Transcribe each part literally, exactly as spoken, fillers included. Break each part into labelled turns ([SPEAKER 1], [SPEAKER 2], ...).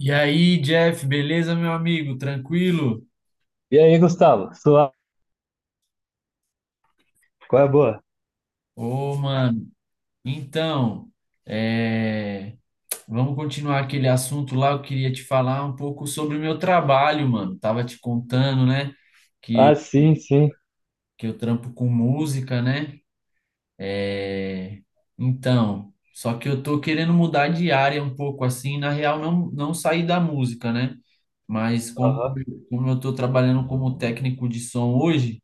[SPEAKER 1] E aí, Jeff, beleza, meu amigo? Tranquilo?
[SPEAKER 2] E aí, Gustavo? Sua... qual é a boa?
[SPEAKER 1] Ô, mano, então, é, vamos continuar aquele assunto lá. Eu queria te falar um pouco sobre o meu trabalho, mano. Tava te contando, né,
[SPEAKER 2] Ah, sim, sim.
[SPEAKER 1] que eu trampo com música, né? É, Então, só que eu tô querendo mudar de área um pouco assim, na real, não, não sair da música, né? Mas como,
[SPEAKER 2] Aham,
[SPEAKER 1] como eu tô trabalhando como técnico de som hoje,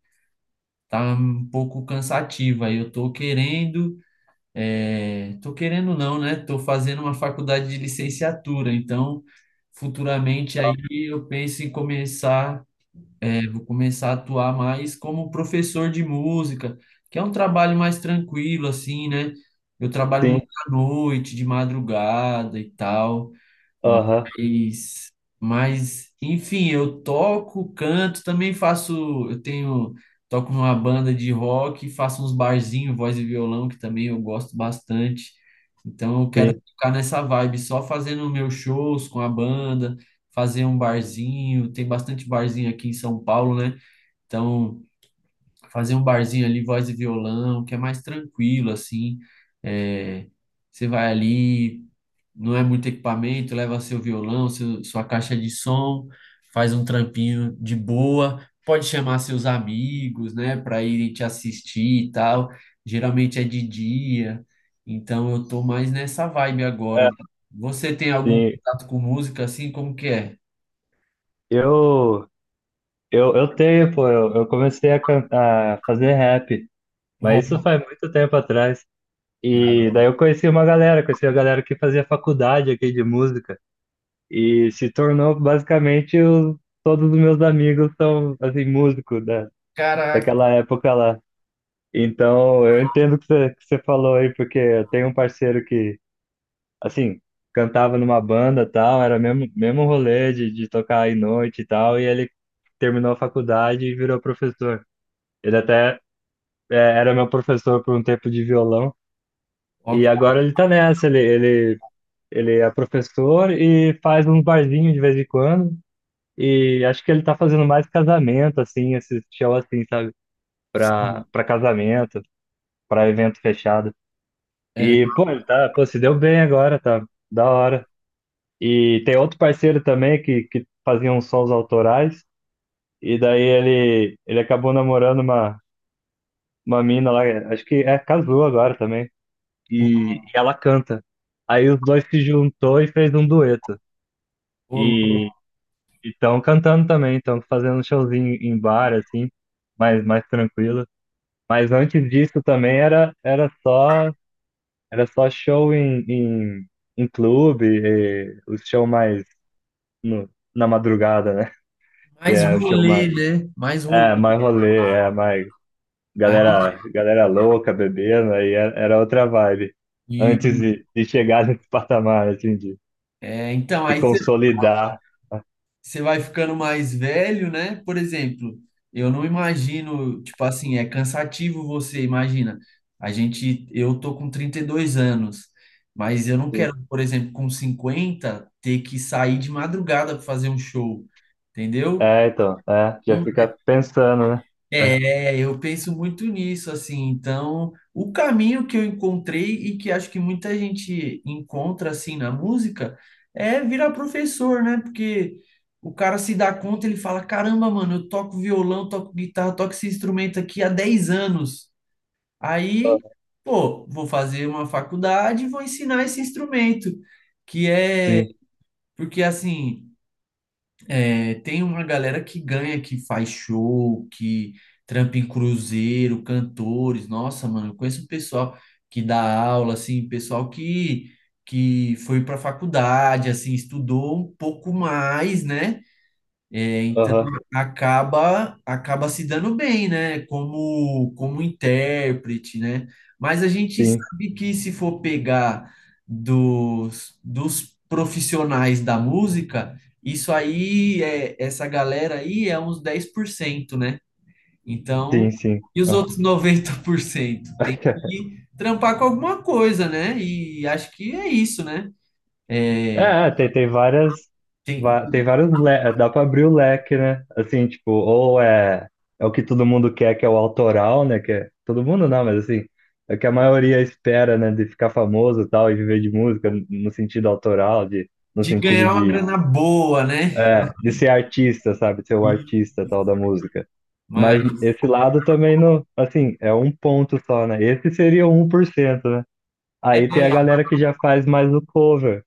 [SPEAKER 1] tá um pouco cansativo. Aí eu tô querendo. É, tô querendo não, né? Tô fazendo uma faculdade de licenciatura, então futuramente aí eu penso em começar, é, vou começar a atuar mais como professor de música, que é um trabalho mais tranquilo assim, né? Eu trabalho muito
[SPEAKER 2] sim.
[SPEAKER 1] à noite, de madrugada e tal.
[SPEAKER 2] Aham,
[SPEAKER 1] Mas, mas, enfim, eu toco, canto, também faço, eu tenho, toco numa banda de rock, faço uns barzinhos, voz e violão, que também eu gosto bastante. Então eu quero
[SPEAKER 2] sim.
[SPEAKER 1] ficar nessa vibe, só fazendo meus shows com a banda, fazer um barzinho, tem bastante barzinho aqui em São Paulo, né? Então fazer um barzinho ali, voz e violão, que é mais tranquilo, assim. É, você vai ali, não é muito equipamento, leva seu violão, seu- sua caixa de som, faz um trampinho de boa, pode chamar seus amigos, né, para irem te assistir e tal. Geralmente é de dia, então eu tô mais nessa vibe agora.
[SPEAKER 2] É,
[SPEAKER 1] Você tem algum
[SPEAKER 2] sim.
[SPEAKER 1] contato com música assim? Como que é?
[SPEAKER 2] Eu, eu, eu tenho, pô. Eu, eu comecei a, can- a fazer rap, mas isso
[SPEAKER 1] Rock.
[SPEAKER 2] faz muito tempo atrás. E daí eu conheci uma galera, conheci a galera que fazia faculdade aqui de música. E se tornou basicamente os, todos os meus amigos são, assim, músicos da,
[SPEAKER 1] Caraca,
[SPEAKER 2] daquela época lá. Então, eu entendo o que você, que você falou aí, porque eu tenho um parceiro que, assim, cantava numa banda e tal, era mesmo mesmo rolê de, de tocar aí noite e tal, e ele terminou a faculdade e virou professor. Ele até é, era meu professor por um tempo de violão,
[SPEAKER 1] rock.
[SPEAKER 2] e agora ele tá nessa, ele, ele, ele é professor e faz uns barzinhos de vez em quando, e acho que ele tá fazendo mais casamento, assim, esse show assim, sabe, pra, pra casamento, pra evento fechado.
[SPEAKER 1] É,
[SPEAKER 2] E, pô, ele tá, pô, se deu bem agora, tá da hora. E tem outro parceiro também que, que fazia uns sons autorais, e daí ele, ele acabou namorando uma, uma mina lá, acho que é, casou agora também, e, e ela canta. Aí os dois se juntou e fez um dueto.
[SPEAKER 1] ô,
[SPEAKER 2] E estão cantando também, estão fazendo um showzinho em bar, assim, mais, mais tranquilo. Mas antes disso também era, era só, era só show em, em, em clube, e o show mais no, na madrugada, né? Que
[SPEAKER 1] mais
[SPEAKER 2] é o show
[SPEAKER 1] rolê,
[SPEAKER 2] mais
[SPEAKER 1] né? Mais rolê.
[SPEAKER 2] é, mais rolê, é, mais
[SPEAKER 1] Aí,
[SPEAKER 2] galera, galera louca bebendo, aí era era outra vibe. Antes
[SPEAKER 1] e,
[SPEAKER 2] de, de chegar nesse patamar, assim, de,
[SPEAKER 1] é, então,
[SPEAKER 2] de
[SPEAKER 1] aí você
[SPEAKER 2] consolidar.
[SPEAKER 1] você vai ficando mais velho, né? Por exemplo, eu não imagino, tipo assim, é cansativo você, imagina. A gente, eu tô com trinta e dois anos, mas eu não
[SPEAKER 2] Sim.
[SPEAKER 1] quero, por exemplo, com cinquenta ter que sair de madrugada para fazer um show, entendeu?
[SPEAKER 2] É, então, é, já fica pensando, né? É.
[SPEAKER 1] É, eu penso muito nisso, assim. Então, o caminho que eu encontrei e que acho que muita gente encontra, assim, na música, é virar professor, né? Porque o cara se dá conta, ele fala: caramba, mano, eu toco violão, toco guitarra, toco esse instrumento aqui há dez anos. Aí,
[SPEAKER 2] Aham,
[SPEAKER 1] pô, vou fazer uma faculdade e vou ensinar esse instrumento, que é.
[SPEAKER 2] sim,
[SPEAKER 1] Porque, assim. É, tem uma galera que ganha, que faz show, que trampa em cruzeiro, cantores. Nossa, mano, eu conheço um pessoal que dá aula, assim, pessoal que, que foi para faculdade, assim, estudou um pouco mais, né? É, então
[SPEAKER 2] aham,
[SPEAKER 1] acaba acaba se dando bem, né? Como como intérprete, né? Mas a gente
[SPEAKER 2] sim,
[SPEAKER 1] sabe que se for pegar dos, dos profissionais da música, isso aí é essa galera aí é uns dez por cento né? Então,
[SPEAKER 2] sim, sim,
[SPEAKER 1] e os
[SPEAKER 2] é.
[SPEAKER 1] outros noventa por cento tem que trampar com alguma coisa, né? E acho que é isso, né?
[SPEAKER 2] É,
[SPEAKER 1] É,
[SPEAKER 2] é, tem, tem várias,
[SPEAKER 1] tem
[SPEAKER 2] va- tem vários, le- dá pra abrir o leque, né? Assim, tipo, ou é, é o que todo mundo quer, que é o autoral, né? Que é, todo mundo não, mas assim, é o que a maioria espera, né? De ficar famoso e tal, e viver de música no sentido autoral, de, no
[SPEAKER 1] de
[SPEAKER 2] sentido
[SPEAKER 1] ganhar uma
[SPEAKER 2] de,
[SPEAKER 1] grana boa, né?
[SPEAKER 2] é, de ser artista, sabe? Ser o
[SPEAKER 1] E-
[SPEAKER 2] artista tal da música. Mas
[SPEAKER 1] mas
[SPEAKER 2] esse lado também não, assim, é um ponto só, né? Esse seria o um por cento, né?
[SPEAKER 1] é,
[SPEAKER 2] Aí tem a galera que já faz mais o cover,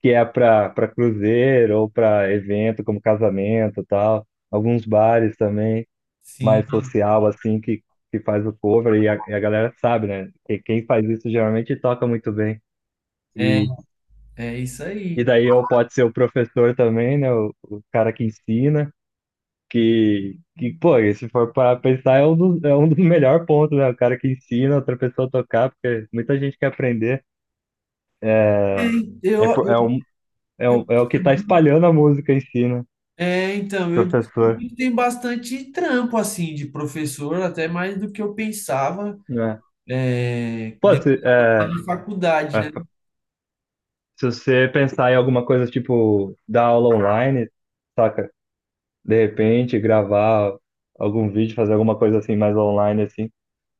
[SPEAKER 2] que é para para cruzeiro ou para evento como casamento e tal, alguns bares também
[SPEAKER 1] sim,
[SPEAKER 2] mais social assim que que faz o cover e a, e a galera sabe, né? Que quem faz isso geralmente toca muito bem.
[SPEAKER 1] é,
[SPEAKER 2] E
[SPEAKER 1] é isso
[SPEAKER 2] e
[SPEAKER 1] aí.
[SPEAKER 2] daí eu pode ser o professor também, né? O, o cara que ensina que que pô, se for para pensar é um dos, é um dos melhores pontos, né? O cara que ensina outra pessoa a tocar, porque muita gente quer aprender.
[SPEAKER 1] É,
[SPEAKER 2] É,
[SPEAKER 1] eu,
[SPEAKER 2] po-
[SPEAKER 1] eu-
[SPEAKER 2] é, um, é, um, é o que tá espalhando a música em si, né?
[SPEAKER 1] é, então, eu
[SPEAKER 2] Professor.
[SPEAKER 1] descobri que tem bastante trampo, assim, de professor, até mais do que eu pensava, é, depois
[SPEAKER 2] Pode, é,
[SPEAKER 1] da faculdade,
[SPEAKER 2] é,
[SPEAKER 1] né?
[SPEAKER 2] se você pensar em alguma coisa tipo dar aula online, saca? De repente, gravar algum vídeo, fazer alguma coisa assim mais online, assim.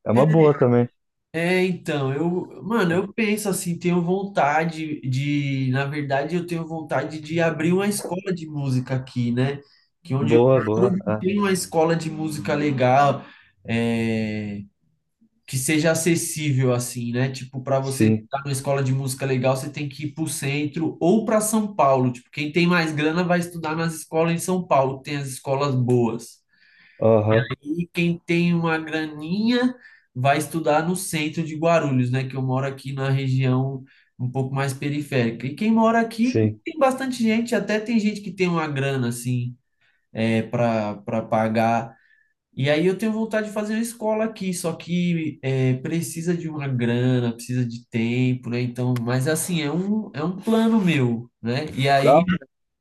[SPEAKER 2] É uma boa também.
[SPEAKER 1] É, então, eu, mano, eu penso assim, tenho vontade de, na verdade, eu tenho vontade de abrir uma escola de música aqui, né? Que é onde eu
[SPEAKER 2] Boa,
[SPEAKER 1] moro
[SPEAKER 2] boa. Ah,
[SPEAKER 1] tem uma escola de música legal, é, que seja acessível assim, né? Tipo, para você
[SPEAKER 2] sim.
[SPEAKER 1] estar numa escola de música legal, você tem que ir para o centro ou para São Paulo. Tipo, quem tem mais grana vai estudar nas escolas em São Paulo, que tem as escolas boas.
[SPEAKER 2] Aham,
[SPEAKER 1] E quem tem uma graninha vai estudar no centro de Guarulhos, né? Que eu moro aqui na região um pouco mais periférica. E quem mora aqui
[SPEAKER 2] sim.
[SPEAKER 1] tem bastante gente, até tem gente que tem uma grana assim, é, para para pagar e aí eu tenho vontade de fazer uma escola aqui, só que é, precisa de uma grana, precisa de tempo, né? Então, mas assim, é um, é um plano meu, né? E
[SPEAKER 2] Dá
[SPEAKER 1] aí,
[SPEAKER 2] uma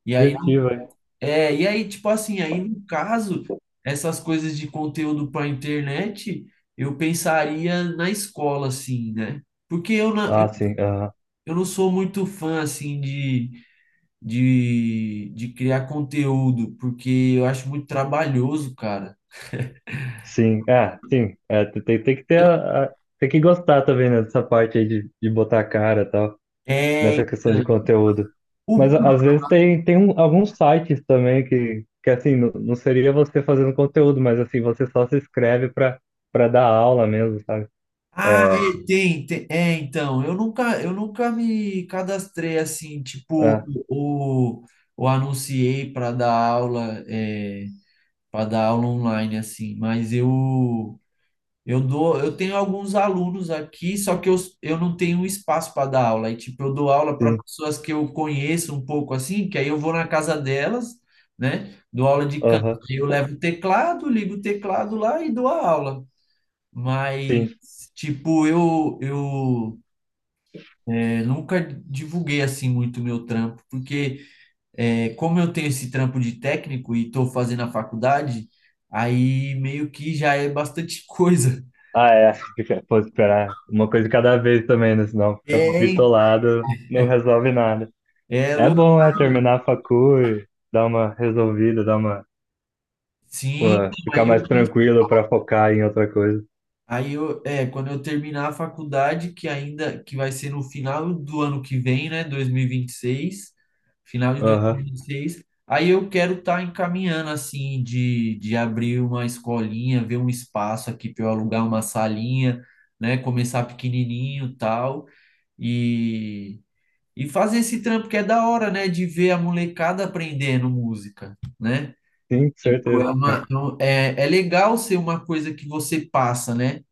[SPEAKER 1] e aí,
[SPEAKER 2] objetiva, hein?
[SPEAKER 1] é, e aí, tipo assim, aí no caso, essas coisas de conteúdo para internet, eu pensaria na escola, assim, né? Porque eu não,
[SPEAKER 2] Ah,
[SPEAKER 1] eu,
[SPEAKER 2] sim. Aham.
[SPEAKER 1] eu não sou muito fã, assim, de, de, de criar conteúdo, porque eu acho muito trabalhoso, cara.
[SPEAKER 2] Sim. É, sim. É, tem, tem tem que ter a, a- tem que gostar também, né, dessa parte aí de, de botar a cara e tal,
[SPEAKER 1] É,
[SPEAKER 2] nessa questão de
[SPEAKER 1] então,
[SPEAKER 2] conteúdo. Mas
[SPEAKER 1] o
[SPEAKER 2] a- às vezes tem, tem um- alguns sites também que, que assim, não, não seria você fazendo conteúdo, mas assim, você só se inscreve para para dar aula mesmo, sabe?
[SPEAKER 1] Ah,
[SPEAKER 2] É,
[SPEAKER 1] é, tem, tem. É, então, eu nunca, eu nunca me cadastrei assim, tipo,
[SPEAKER 2] é,
[SPEAKER 1] ou, ou anunciei para dar aula, é, para dar aula online assim, mas eu eu dou, eu tenho alguns alunos aqui, só que eu, eu não tenho espaço para dar aula. E tipo, eu dou aula para
[SPEAKER 2] sim,
[SPEAKER 1] pessoas que eu conheço um pouco assim, que aí eu vou na casa delas, né? Dou aula de canto.
[SPEAKER 2] aham,
[SPEAKER 1] Aí eu levo o teclado, ligo o teclado lá e dou a aula. Mas,
[SPEAKER 2] sim.
[SPEAKER 1] tipo, eu, eu é, nunca divulguei assim muito o meu trampo, porque é, como eu tenho esse trampo de técnico e estou fazendo a faculdade, aí meio que já é bastante coisa.
[SPEAKER 2] Ah, é, fica- pô, esperar uma coisa de cada vez também, né? Senão
[SPEAKER 1] É,
[SPEAKER 2] fica
[SPEAKER 1] hein?
[SPEAKER 2] bitolado, não resolve nada.
[SPEAKER 1] É
[SPEAKER 2] É
[SPEAKER 1] louco.
[SPEAKER 2] bom, é, terminar a facu e dar uma resolvida, dar uma, pô,
[SPEAKER 1] Sim, então,
[SPEAKER 2] ficar
[SPEAKER 1] aí eu
[SPEAKER 2] mais tranquilo para focar em outra coisa.
[SPEAKER 1] Aí eu, é, quando eu terminar a faculdade, que ainda que vai ser no final do ano que vem, né, dois mil e e vinte e seis final de dois mil
[SPEAKER 2] Aham,
[SPEAKER 1] e e vinte e seis aí eu quero estar encaminhando assim de, de abrir uma escolinha, ver um espaço aqui para eu alugar uma salinha, né, começar pequenininho, tal, e e fazer esse trampo que é da hora, né, de ver a molecada aprendendo música, né?
[SPEAKER 2] sim,
[SPEAKER 1] Tipo, é
[SPEAKER 2] certeza.
[SPEAKER 1] uma, é, um- é é legal ser uma coisa que você passa, né?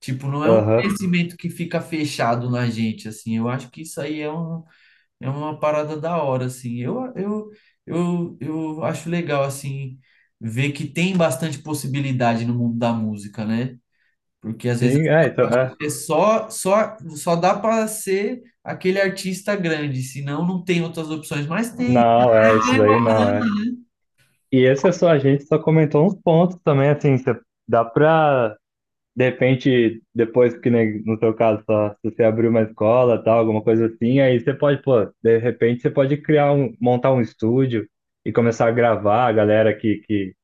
[SPEAKER 1] Tipo, não é um
[SPEAKER 2] Aham.
[SPEAKER 1] conhecimento que fica fechado na gente, assim. Eu acho que isso aí é, um, é uma parada da hora, assim. Eu, eu, eu, eu acho legal, assim, ver que tem bastante possibilidade no mundo da música, né? Porque às vezes
[SPEAKER 2] Sim, é, então, é.
[SPEAKER 1] é só, só, só dá para ser aquele artista grande, senão não tem outras opções, mas tem.
[SPEAKER 2] Não, é, isso daí não, é. E esse é só, a gente só comentou uns pontos também, assim, cê- dá pra, de repente, depois que, nem no seu caso, só, se você abrir uma escola, tal, alguma coisa assim, aí você pode, pô, de repente você pode criar um, montar um estúdio e começar a gravar a galera que, que,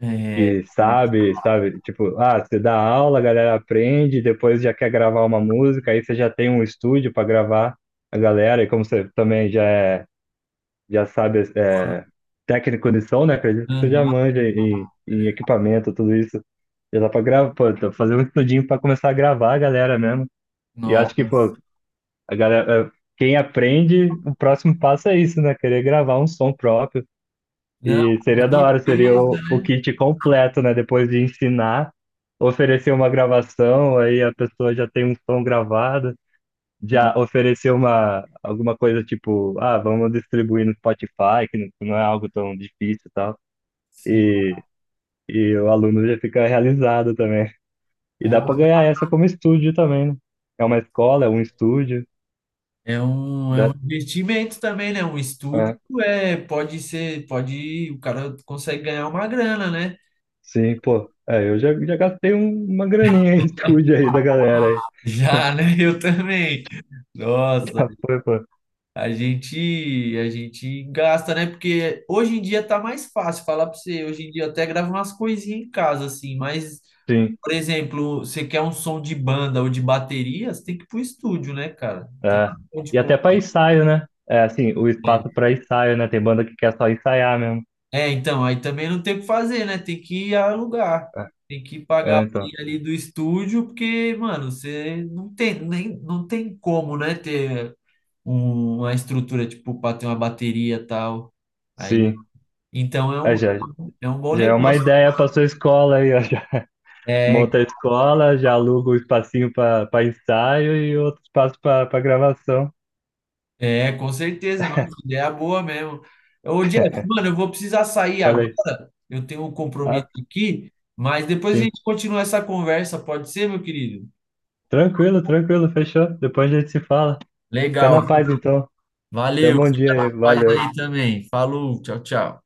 [SPEAKER 1] É, é.
[SPEAKER 2] que sabe, sabe? Tipo, ah, você dá aula, a galera aprende, depois já quer gravar uma música, aí você já tem um estúdio pra gravar a galera, e como você também já é já sabe é, técnico de som, né? Acredito que você já
[SPEAKER 1] Aham.
[SPEAKER 2] manja em, em equipamento, tudo isso. Já dá pra gravar, pô, tá fazer um estudinho pra começar a gravar a galera mesmo. E eu acho que,
[SPEAKER 1] Nossa.
[SPEAKER 2] pô, a galera, é, quem aprende, o próximo passo é isso, né? Querer gravar um som próprio.
[SPEAKER 1] Não,
[SPEAKER 2] E
[SPEAKER 1] com
[SPEAKER 2] seria da hora, seria
[SPEAKER 1] certeza,
[SPEAKER 2] o, o
[SPEAKER 1] né?
[SPEAKER 2] kit completo, né? Depois de ensinar, oferecer uma gravação, aí a pessoa já tem um som gravado já
[SPEAKER 1] Não,
[SPEAKER 2] oferecer uma, alguma coisa tipo, ah, vamos distribuir no Spotify, que não, que não é algo tão difícil e tal.
[SPEAKER 1] sim.
[SPEAKER 2] E, e o aluno já fica realizado também. E dá para ganhar essa como estúdio também, né? É uma escola, é um estúdio.
[SPEAKER 1] É um, é um
[SPEAKER 2] Dá,
[SPEAKER 1] investimento também, né? Um estúdio
[SPEAKER 2] é,
[SPEAKER 1] é, pode ser, pode, o cara consegue ganhar uma grana, né?
[SPEAKER 2] sim, pô. É, eu já, já gastei um- uma graninha em estúdio aí da galera aí.
[SPEAKER 1] Já, né? Eu também. Nossa,
[SPEAKER 2] Já foi, pô.
[SPEAKER 1] a gente, a gente gasta, né? Porque hoje em dia tá mais fácil falar pra você. Hoje em dia eu até gravo umas coisinhas em casa, assim, mas,
[SPEAKER 2] Sim.
[SPEAKER 1] por exemplo, você quer um som de banda ou de bateria, você tem que ir pro estúdio, né, cara? Tem
[SPEAKER 2] É. E até para ensaio, né? É, assim, o espaço para ensaio, né? Tem banda que quer só ensaiar mesmo.
[SPEAKER 1] é, então, aí também não tem o que fazer, né? Tem que alugar.
[SPEAKER 2] É,
[SPEAKER 1] Tem que pagar a
[SPEAKER 2] é, então.
[SPEAKER 1] horinha ali do estúdio, porque, mano, você não tem, nem, não tem como, né, ter um- uma estrutura, tipo, para ter uma bateria e tal. Aí,
[SPEAKER 2] Sim.
[SPEAKER 1] então é
[SPEAKER 2] É,
[SPEAKER 1] um,
[SPEAKER 2] já,
[SPEAKER 1] é um bom
[SPEAKER 2] já é uma
[SPEAKER 1] negócio.
[SPEAKER 2] ideia para sua escola aí, ó. Já
[SPEAKER 1] É,
[SPEAKER 2] monta a escola, já aluga um espacinho para ensaio e outro espaço para gravação.
[SPEAKER 1] é, com certeza, não, ideia é boa mesmo. Ô, Jeff, mano, eu vou precisar sair
[SPEAKER 2] Falei,
[SPEAKER 1] agora. Eu tenho um compromisso
[SPEAKER 2] ah,
[SPEAKER 1] aqui, mas depois a
[SPEAKER 2] sim.
[SPEAKER 1] gente continua essa conversa, pode ser, meu querido?
[SPEAKER 2] Tranquilo, tranquilo, fechou. Depois a gente se fala. Fica
[SPEAKER 1] Legal.
[SPEAKER 2] na paz então. Tenha um
[SPEAKER 1] Valeu,
[SPEAKER 2] bom dia
[SPEAKER 1] fica
[SPEAKER 2] aí,
[SPEAKER 1] na paz
[SPEAKER 2] valeu.
[SPEAKER 1] aí também. Falou, tchau, tchau.